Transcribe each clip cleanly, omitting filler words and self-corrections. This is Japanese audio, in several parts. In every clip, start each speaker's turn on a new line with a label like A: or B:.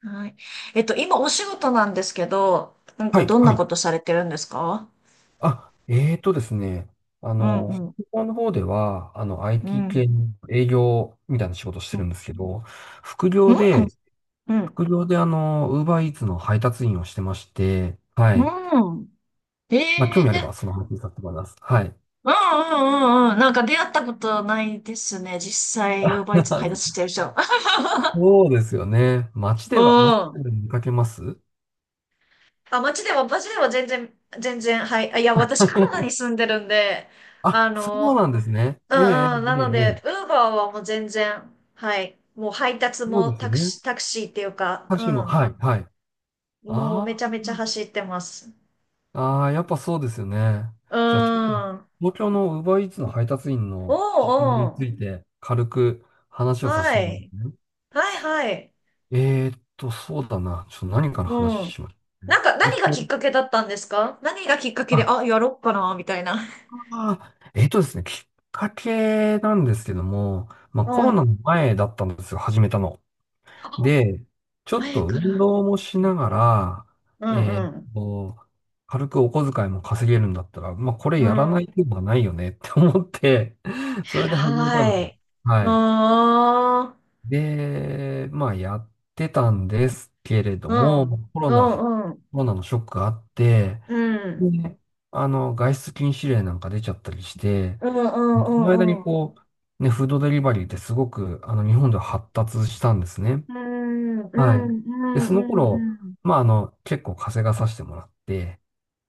A: はい。今お仕事なんですけど、なんか
B: はい、
A: どんな
B: はい。
A: ことされてるんですか？
B: あ、えーとですね、あ
A: うん
B: の、
A: うん。
B: 北欧の方では、
A: う
B: IT
A: ん。
B: 系の営業みたいな仕事して
A: う
B: る
A: ん。
B: んですけど、副業で、
A: うん。
B: 副業でウーバーイーツの配達員をしてまして、はい。
A: うん。え
B: まあ、興
A: え
B: 味あれば、
A: ー。
B: その話させてもらいます。はい。
A: うんうんうんうん。なんか出会ったことないですね。実際、ウーバーイーツ配達してる 人。
B: そうですよね。
A: う
B: 街
A: ん。
B: で見かけます。
A: あ、街では全然、はい。いや、私カナダ に住んでるんで、あ
B: あ、そう
A: の、
B: なんですね。
A: う
B: えええ
A: んうん。な
B: え
A: の
B: ええ。え
A: で、
B: え、
A: ウーバーはもう全然、はい。もう配達
B: そう
A: も
B: ですね。
A: タクシーっていうか、う
B: 私も、
A: ん。
B: はい、はい。
A: もうめ
B: あ
A: ちゃめちゃ走ってます。
B: ああ、やっぱそうですよね。
A: う
B: じゃあ、ちょっと、
A: ーん。
B: 東京の Uber Eats の配達員
A: お
B: の実情に
A: うお
B: つ
A: う。
B: いて軽く話をさせ
A: は
B: てもらいま
A: い。
B: すね。
A: はいはい。
B: そうだな。ちょっと何から
A: う
B: 話
A: ん。
B: しましょう
A: な
B: ね。
A: んか
B: えっ
A: 何が
B: と、
A: きっかけだったんですか？何がきっかけで、
B: あ、
A: あ、やろっかな、みたいな？
B: あーえっとですね、きっかけなんですけども、まあコ
A: う
B: ロナ
A: ん。
B: の前だったんですよ、始めたの。
A: あ
B: で、ちょっ
A: 前
B: と
A: か
B: 運
A: ら。
B: 動もしながら、
A: うん
B: えーっ
A: う
B: と、軽くお小遣いも稼げるんだったら、まあ、これやら
A: ん。う
B: な
A: ん。
B: い手はないよね って思って、それで始めた
A: 偉
B: の。
A: い。う
B: はい。
A: ーん。
B: で、まあ、やってたんですけれど
A: うん。
B: も、
A: うんうん。
B: コロナのショックがあって、
A: うん。
B: で、外出禁止令なんか出ちゃったりして、
A: うんうんう
B: その間
A: んう
B: に
A: ん。
B: こう、ね、フードデリバリーってすごく、日本では発達したんですね。
A: うんうんう
B: はい。で、
A: ん
B: そ
A: う
B: の頃、
A: んうん。
B: まあ、結構風がさしてもらって、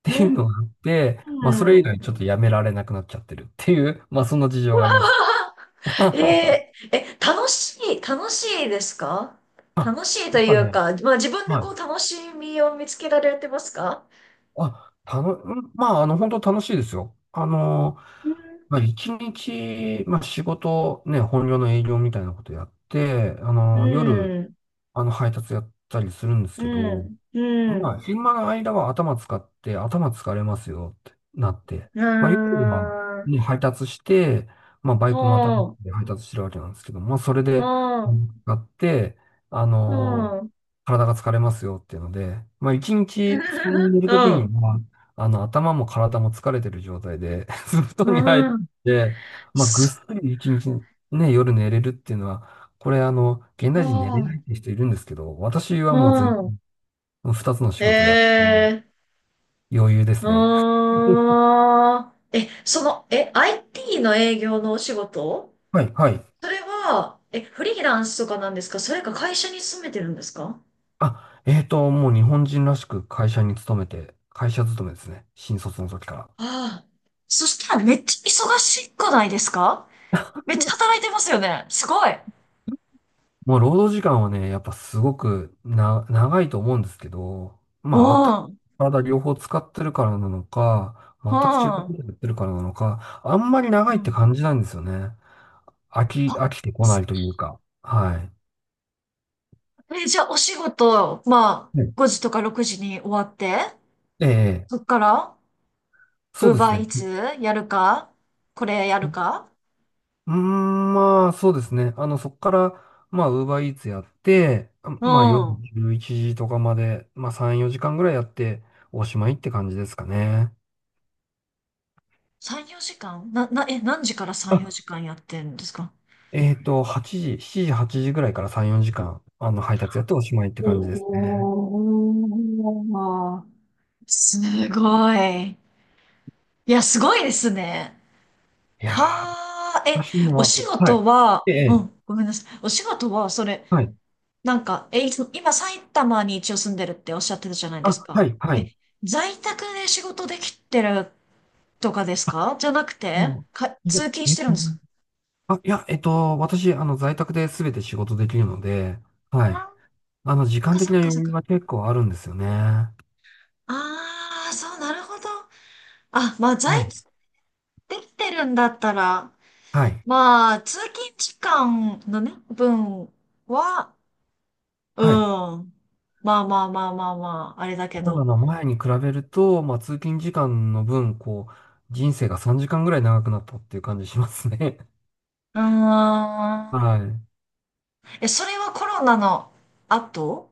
B: っていうのがあって、
A: う
B: まあ、そ
A: ん。
B: れ
A: う
B: 以
A: ん。
B: 来ちょっとやめられなくなっちゃってるっていう、まあ、そんな事情があります。
A: 楽しいですか？
B: あ、
A: 楽しいと
B: やっ
A: い
B: ぱ
A: う
B: ね、
A: か、まあ自分で
B: は
A: こう
B: い。
A: 楽しみを見つけられてますか？
B: うん、まあ、本当楽しいですよ。
A: うん、
B: まあ、一日、まあ、仕事、ね、本業の営業みたいなことやって、
A: う
B: 夜、
A: ん、
B: 配達やったりするんです
A: う
B: けど、
A: ん、う
B: まあ、
A: ん、
B: 昼間の間は頭使って、頭疲れますよってなって、
A: う
B: まあ、夜は、
A: ーん、
B: ね、配達して、まあ、バ
A: う
B: イクまたがっ
A: ん、
B: て配達してるわけなんですけど、まあ、それで、うん使って、あ
A: う
B: の
A: ん、
B: ー
A: うん、
B: 体が疲れますよっていうので、まあ、一日布団に寝るときに は、頭も体も疲れてる状態で、布
A: う
B: 団に入っ
A: ん、うん
B: て、まあ、ぐっ
A: す
B: すり一日、ね、夜寝れるっていうのは、これ、現
A: う
B: 代人寝れない
A: ん、
B: って人いるんですけど、私は
A: う
B: もう全
A: ん、
B: 然二つの仕
A: へ
B: 事をやって、
A: え、
B: 余裕ですね。
A: う ーん、え、その、え、IT の営業のお仕事？
B: はい、はい。
A: それは、フリーランスとかなんですか？それか会社に勤めてるんですか？
B: もう日本人らしく会社に勤めて、会社勤めですね。新卒の時から。
A: ああ。そしたらめっちゃ忙しくないですか？めっちゃ働いてますよね。すごい。
B: もう労働時間はね、やっぱすごくな、長いと思うんですけど、
A: う
B: まあ、頭、
A: ん。う
B: 体両方使ってるからなのか、全く違うこと
A: ん。
B: やってるからなのか、あんまり
A: う
B: 長いって
A: ん。
B: 感じないんですよね。
A: あ、
B: 飽きてこないというか。は
A: じゃあお仕事、まあ、
B: い。ね
A: 5時とか6時に終わって、
B: ええ、
A: そっから、
B: そ
A: ウ
B: う
A: ー
B: で
A: バ
B: す
A: ー
B: ね。
A: イーツやるか、これやるか？
B: うーん、まあ、そうですね。そこから、まあ、ウーバーイーツやって、あ
A: う
B: まあ、夜
A: ん。
B: 11時とかまで、まあ、3、4時間ぐらいやって、おしまいって感じですかね。
A: 3、4時間な、な、え、何時から3、
B: あ、
A: 4時間やってんですか？
B: 8時、7時、8時ぐらいから3、4時間、配達やっておしまいって感じですね。
A: おー、すごい。いや、すごいですね。
B: いやー、
A: はあ、
B: 私に
A: お
B: は、
A: 仕
B: はい。
A: 事は、
B: ええ
A: う
B: え、
A: ん、ごめんなさい。お仕事は、それ、
B: はい。
A: なんか、え、いつ今、埼玉に一応住んでるっておっしゃってたじゃないです
B: あ、は
A: か。
B: い、はい。
A: 在宅で仕事できてるとかですか？じゃなくて、
B: も
A: か、
B: う、いや
A: 通勤
B: え
A: し
B: っ
A: てるん
B: と、
A: です。
B: あ、いや、私、在宅で全て仕事できるので、
A: あー、
B: はい。
A: そ
B: 時
A: っ
B: 間
A: か
B: 的
A: そっ
B: な
A: か
B: 余
A: そっ
B: 裕
A: か。
B: が結構あるんですよね。は
A: ああ、そう、なるほど。あ、まあ、在
B: い。
A: 宅できてるんだったら、
B: はい。
A: まあ、通勤時間のね、分は、う
B: はい。
A: ん。まあまあまあまあまあ、あれだけ
B: コロナ
A: ど。
B: の前に比べると、まあ、通勤時間の分、こう、人生が3時間ぐらい長くなったっていう感じしますね。
A: うー ん。
B: はい。
A: それはコロナの後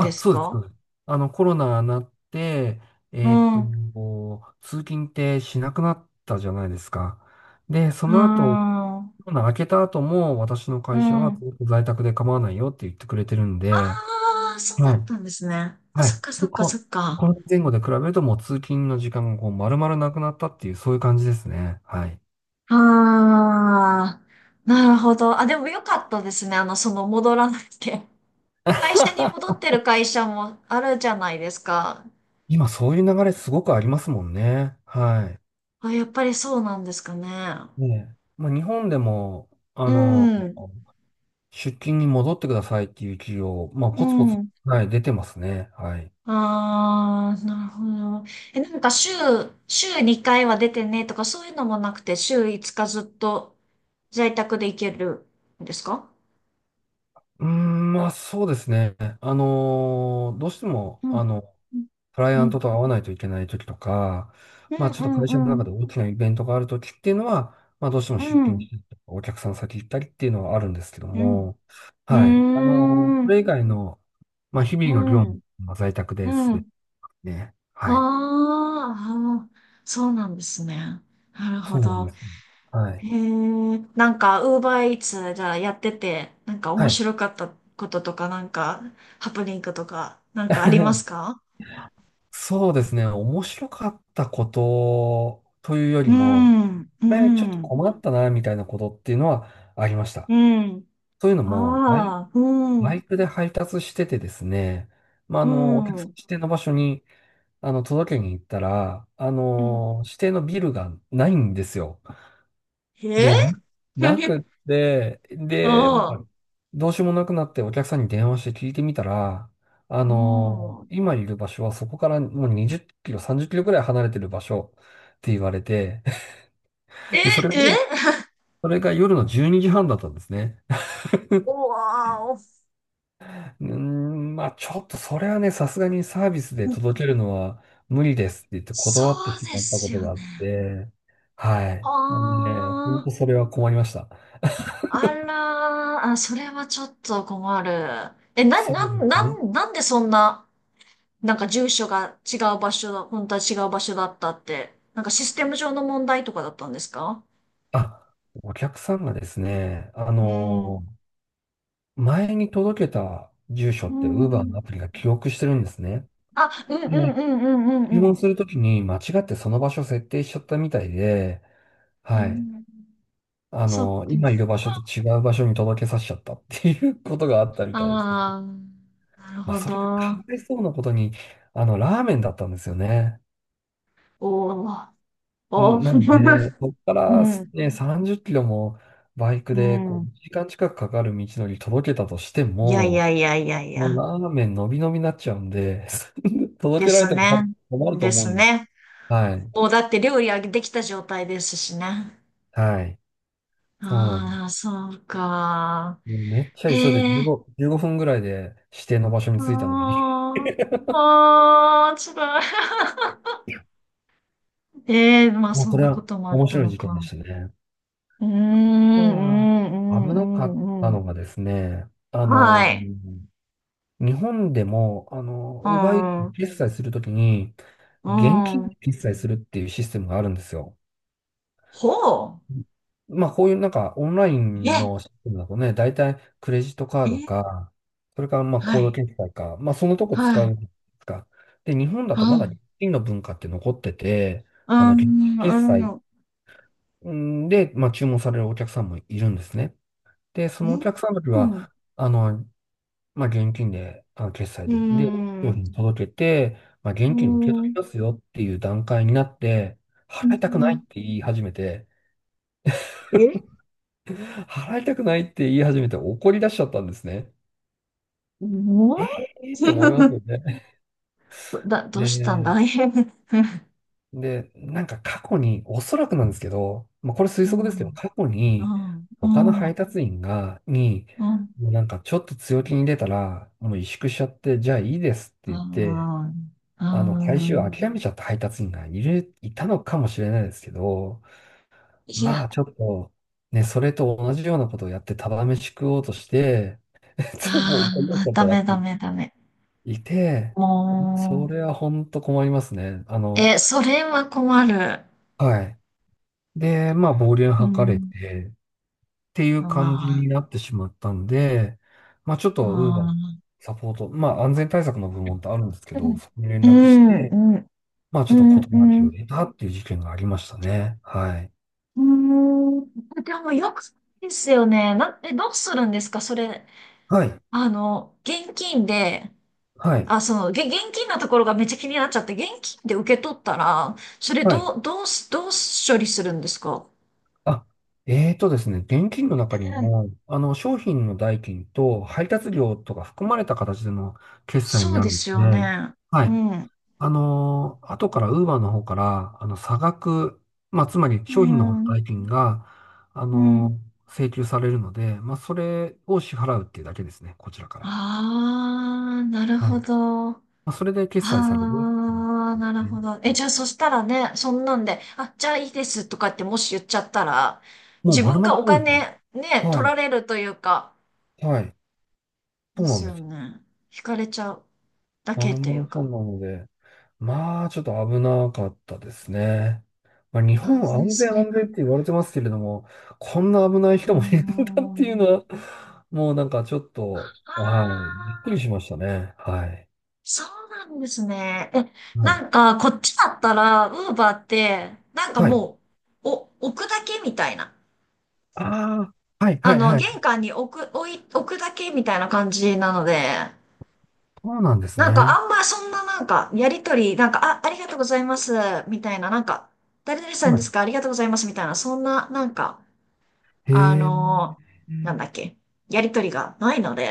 A: です
B: そうです、そ
A: か？
B: うです。コロナになって、
A: う
B: えーっ
A: ん。
B: と、
A: う
B: 通勤ってしなくなったじゃないですか。で、そ
A: ー
B: の後、
A: ん。
B: コロナ明けた後も、私の
A: う
B: 会社はず
A: ん。
B: っと在宅で構わないよって言ってくれてるんで、
A: ああ、そうだ
B: は
A: っ
B: い。
A: たんですね。
B: は
A: そっ
B: い。
A: かそ
B: で、
A: っかそっ
B: こ
A: か。
B: この前後で比べるともう通勤の時間がこう丸々なくなったっていう、そういう感じですね。はい。
A: ああ、なるほど。あ、でもよかったですね。その戻らなくて。会社に戻ってる会社もあるじゃないですか。
B: 今そういう流れすごくありますもんね。は
A: あ、やっぱりそうなんですかね。
B: い。ねえ。まあ日本でも、
A: う
B: あの、
A: ん。
B: 出勤に戻ってくださいっていう企業、まあ
A: う
B: ポツポツ、
A: ん。
B: はい、出てますね。はい。
A: ああ、なるほど。なんか週2回は出てねとかそういうのもなくて、週5日ずっと在宅で行けるんですか？
B: うーん、まあそうですね。どうしても、
A: うんうん
B: クライア
A: う
B: ント
A: ん。
B: と会わないといけない時とか、
A: う
B: ま
A: ん
B: あちょっと会
A: う
B: 社の
A: んう
B: 中
A: ん。
B: で大きなイベントがある時っていうのは、まあどうしても
A: う
B: 出勤
A: ん。
B: したりとか、お客さん先行ったりっていうのはあるんですけど
A: うん。
B: も、
A: う
B: はい。
A: ー
B: そ
A: ん。
B: れ以外の、まあ日
A: う
B: 々の業務
A: ん。
B: は在宅で
A: う
B: すべて
A: ん。
B: ね。
A: あ
B: はい。
A: ー、あー、そうなんですね。なるほ
B: そうなんで
A: ど。
B: すね。はい。
A: へえ、なんか、ウーバーイーツじゃあやってて、なんか
B: は
A: 面
B: い。
A: 白かったこととか、なんか、ハプニングとか、なんかあります か？
B: そうですね。面白かったことというより
A: う
B: も、
A: ん、う
B: これちょっと
A: ん、
B: 困ったな、みたいなことっていうのはありました。
A: うん。
B: というの
A: あ
B: も、
A: あ、うん、
B: バイ
A: う
B: クで配達しててですね、まあ、お客
A: ん。
B: さん
A: う
B: 指定の場所に、届けに行ったら、
A: ん、
B: 指定のビルがないんですよ。
A: え
B: で、な くって、で、まあ、
A: ああ、
B: どうしようもなくなってお客さんに電話して聞いてみたら、
A: うん。
B: 今いる場所はそこからもう20キロ、30キロくらい離れてる場所って言われて、
A: え、
B: で、
A: え、
B: それが夜の12時半だったんですね。
A: お わーお、
B: うーん、まあちょっとそれはね、さすがにサービスで届けるのは無理ですって言って
A: そ
B: 断って
A: う
B: し
A: で
B: まったこ
A: す
B: と
A: よ
B: があっ
A: ね。
B: て、はい。あの
A: あ
B: ね、本当
A: あ。
B: それは困りました。
A: あらー、あ、それはちょっと困る。え、な、
B: そう
A: な、
B: です
A: な、
B: ね。
A: なんでそんな、なんか住所が違う場所だ、本当は違う場所だったって、なんかシステム上の問題とかだったんですか？
B: あ、お客さんがですね、
A: うん。
B: 前に届けた住所
A: う
B: って Uber のア
A: ん。
B: プリが記憶してるんですね。
A: あ、うんう
B: で、
A: んうんうんう
B: 注
A: んう
B: 文
A: ん。
B: するときに間違ってその場所設定しちゃったみたいで、
A: う
B: はい。
A: ん、そっか。
B: 今いる場所と違う場所に届けさせちゃったっていうことがあったみたいですね。
A: ああ、なる
B: まあ、
A: ほ
B: それがか
A: ど。
B: わいそうなことに、ラーメンだったんですよね。
A: おー、おー。
B: なので、そこから ね、30キロもバイク
A: う
B: で
A: ん。
B: こ
A: う
B: う
A: ん。
B: 1時間近くかかる道のり届けたとして
A: いやい
B: も、
A: やいやいやい
B: もう
A: や。
B: ラーメンのびのびになっちゃうんで、届
A: で
B: けられ
A: す
B: ても多
A: ね。
B: 分困ると
A: で
B: 思う
A: す
B: んで。
A: ね。
B: はい。
A: もうだって料理はできた状態ですしね。
B: はい。そうなんで
A: あ
B: す。
A: あ、そうか。
B: もうめっちゃ急いで
A: へえ、
B: 15、15分ぐらいで指定の場所に着いたのに、
A: ああ、ああ、辛い。ええ、まあ
B: もう
A: そ
B: こ
A: ん
B: れ
A: なこ
B: は
A: ともあっ
B: 面
A: た
B: 白い
A: の
B: 事件で
A: か。
B: したね。
A: うーん、う
B: あとは、危
A: ん、う
B: なかっ
A: ん、うん。う
B: た
A: ん、
B: のがですね、あ
A: は
B: の、
A: い。
B: 日本でも、
A: う
B: 奪い
A: ん、うん。
B: 決済するときに、現金で決済するっていうシステムがあるんですよ。
A: ほう。
B: まあ、こういうなんか、オンライン
A: え、
B: のシステムだとね、大体クレジットカー
A: え、
B: ドか、それからまあ、
A: は
B: コード
A: い、
B: 決済か、まあ、そのとこ
A: は
B: 使
A: い。
B: うか。で、日本だと
A: う
B: まだ
A: ん、
B: 現金の文化って残ってて、
A: う
B: 現金
A: ん、う
B: 決済
A: ん、
B: うんで、まあ、注文されるお客さんもいるんですね。で、そ
A: う
B: のお
A: ん、
B: 客さんの時
A: うん、
B: は、あの、まあ、現金で、決済
A: う
B: で、商
A: ん、
B: 品届けて、まあ、
A: う
B: 現金を受け取り
A: ん、
B: ますよっていう段階になって、
A: う
B: 払いたくないっ
A: ん、
B: て言い始めて、
A: え
B: 払いたくないって言い始めて怒り出しちゃったんですね。
A: も
B: え
A: う
B: えーって思いますよ ね。
A: どうしたん
B: で、
A: だい？
B: なんか過去に、おそらくなんですけど、まあ、これ推
A: う
B: 測ですけど、
A: ん、
B: 過去
A: う
B: に、
A: ん、
B: 他の
A: う
B: 配
A: ん、
B: 達員に、
A: うん、
B: もうなんかちょっと強気に出たら、もう萎縮しちゃって、じゃあいいですって
A: う
B: 言って、
A: ん、う
B: 回収を
A: ん。
B: 諦めちゃった配達員がいたのかもしれないですけど、
A: い
B: ま
A: や、
B: あちょっと、ね、それと同じようなことをやってただ飯食おうとして、もう
A: あ
B: 怒り出し
A: あ、
B: ちゃった
A: ダ
B: や
A: メダ
B: つ
A: メダメ。
B: いて、
A: も
B: それは本当困りますね。
A: う、それは困る。
B: はい。で、まあ、暴言
A: う
B: 吐かれ
A: ん、
B: て、ってい
A: う
B: う感じ
A: わ
B: になってしまったんで、まあ、ちょっと、ウーバー
A: あ、
B: サポート、まあ、安全対策の部門ってあるんですけ
A: う
B: ど、
A: ん、
B: そこに連
A: う
B: 絡し
A: ん、
B: て、
A: うん、
B: まあ、ち
A: う
B: ょっと
A: ん、
B: 事な
A: う
B: きを
A: ん。
B: 得たっていう事件がありましたね。はい。
A: うん。でもよくですよね。どうするんですか、それ、
B: はい、
A: 現金で、
B: はい、
A: あ、そう、現金のところがめっちゃ気になっちゃって、現金で受け取ったら、それ
B: はい。
A: どう処理するんですか？
B: あ、えーとですね、現金の中に
A: うん、
B: も、商品の代金と配達料とか含まれた形での決済に
A: そう
B: な
A: で
B: るん
A: す
B: で、
A: よね。
B: は
A: う
B: い。
A: ん。
B: 後から、ウーバーの方から、差額、まあ、つまり
A: う
B: 商品の方の
A: ん。
B: 代金が、
A: うん。
B: 請求されるので、まあ、それを支払うっていうだけですね、こちらから。
A: ああ、なる
B: はい。
A: ほ
B: ま
A: ど。あ
B: あ、それで決済されるっていう
A: あ、
B: ことで
A: な
B: す
A: る
B: ね。
A: ほど。じゃあそしたらね、そんなんで、あ、じゃあいいですとかってもし言っちゃったら、
B: もう
A: 自
B: 丸
A: 分が
B: 々
A: お
B: そうですね。
A: 金ね、取
B: はい、
A: られるというか、
B: はい。そ
A: で
B: うな
A: す
B: んで
A: よ
B: す。
A: ね。引かれちゃうだけ
B: 丸
A: という
B: 々そう
A: か。
B: なので、まあ、ちょっと危なかったですね。まあ、日本
A: あ
B: は
A: あ、ね、
B: 安全
A: それ
B: 安全っ
A: が。
B: て言われてますけれども、こんな危な
A: うー
B: い人もいるんだっていうのは、
A: ん。
B: もうなんかちょっと、はい、
A: あ
B: びっく
A: あ、
B: りしましたね。はい。
A: そうなんですね。
B: は
A: な
B: い。
A: んか、こっちだったら、ウーバーって、なんか
B: はい。
A: もう、置くだけみたいな。
B: ああ、はい、はい、はい。
A: 玄関に置くだけみたいな感じなので、
B: そうなんです
A: なんか、
B: ね。
A: あんまそんななんか、やりとり、なんか、あ、ありがとうございます、みたいな、なんか、誰々さんで
B: は
A: すか？ありがとうございます、みたいな、そんな、なんか、
B: い。へえ、
A: なんだっけ、やりとりがないので、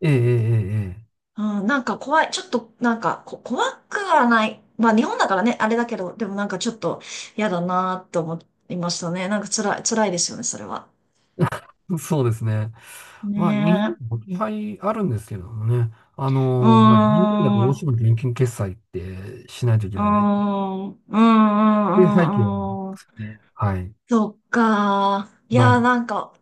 B: ええ、ええ、
A: うん、なんか怖い。ちょっと、なんか、怖くはない。まあ、日本だからね、あれだけど、でもなんかちょっと嫌だなと思いましたね。なんか辛いですよね、それは。
B: ええ。そうですね。まあ、日本
A: ね
B: も置き配あるんですけれどもね。
A: え。うー
B: まあ、現金だと
A: ん、
B: どう
A: う
B: しても現金決済ってしないといけ
A: ー
B: ないんで、
A: ん、うーん、うー
B: っていう背景なんで
A: ん、うー
B: す
A: ん。
B: ね。はい。
A: そっか。い
B: は
A: やー、
B: い。
A: なんか、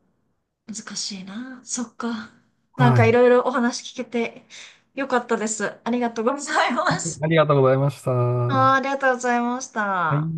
A: 難しいな。そっか。なん
B: は
A: か
B: い。
A: いろいろお話聞けてよかったです。ありがとうございます。
B: ありがとうございました。
A: あー、あ
B: は
A: りがとうございまし
B: い。
A: た。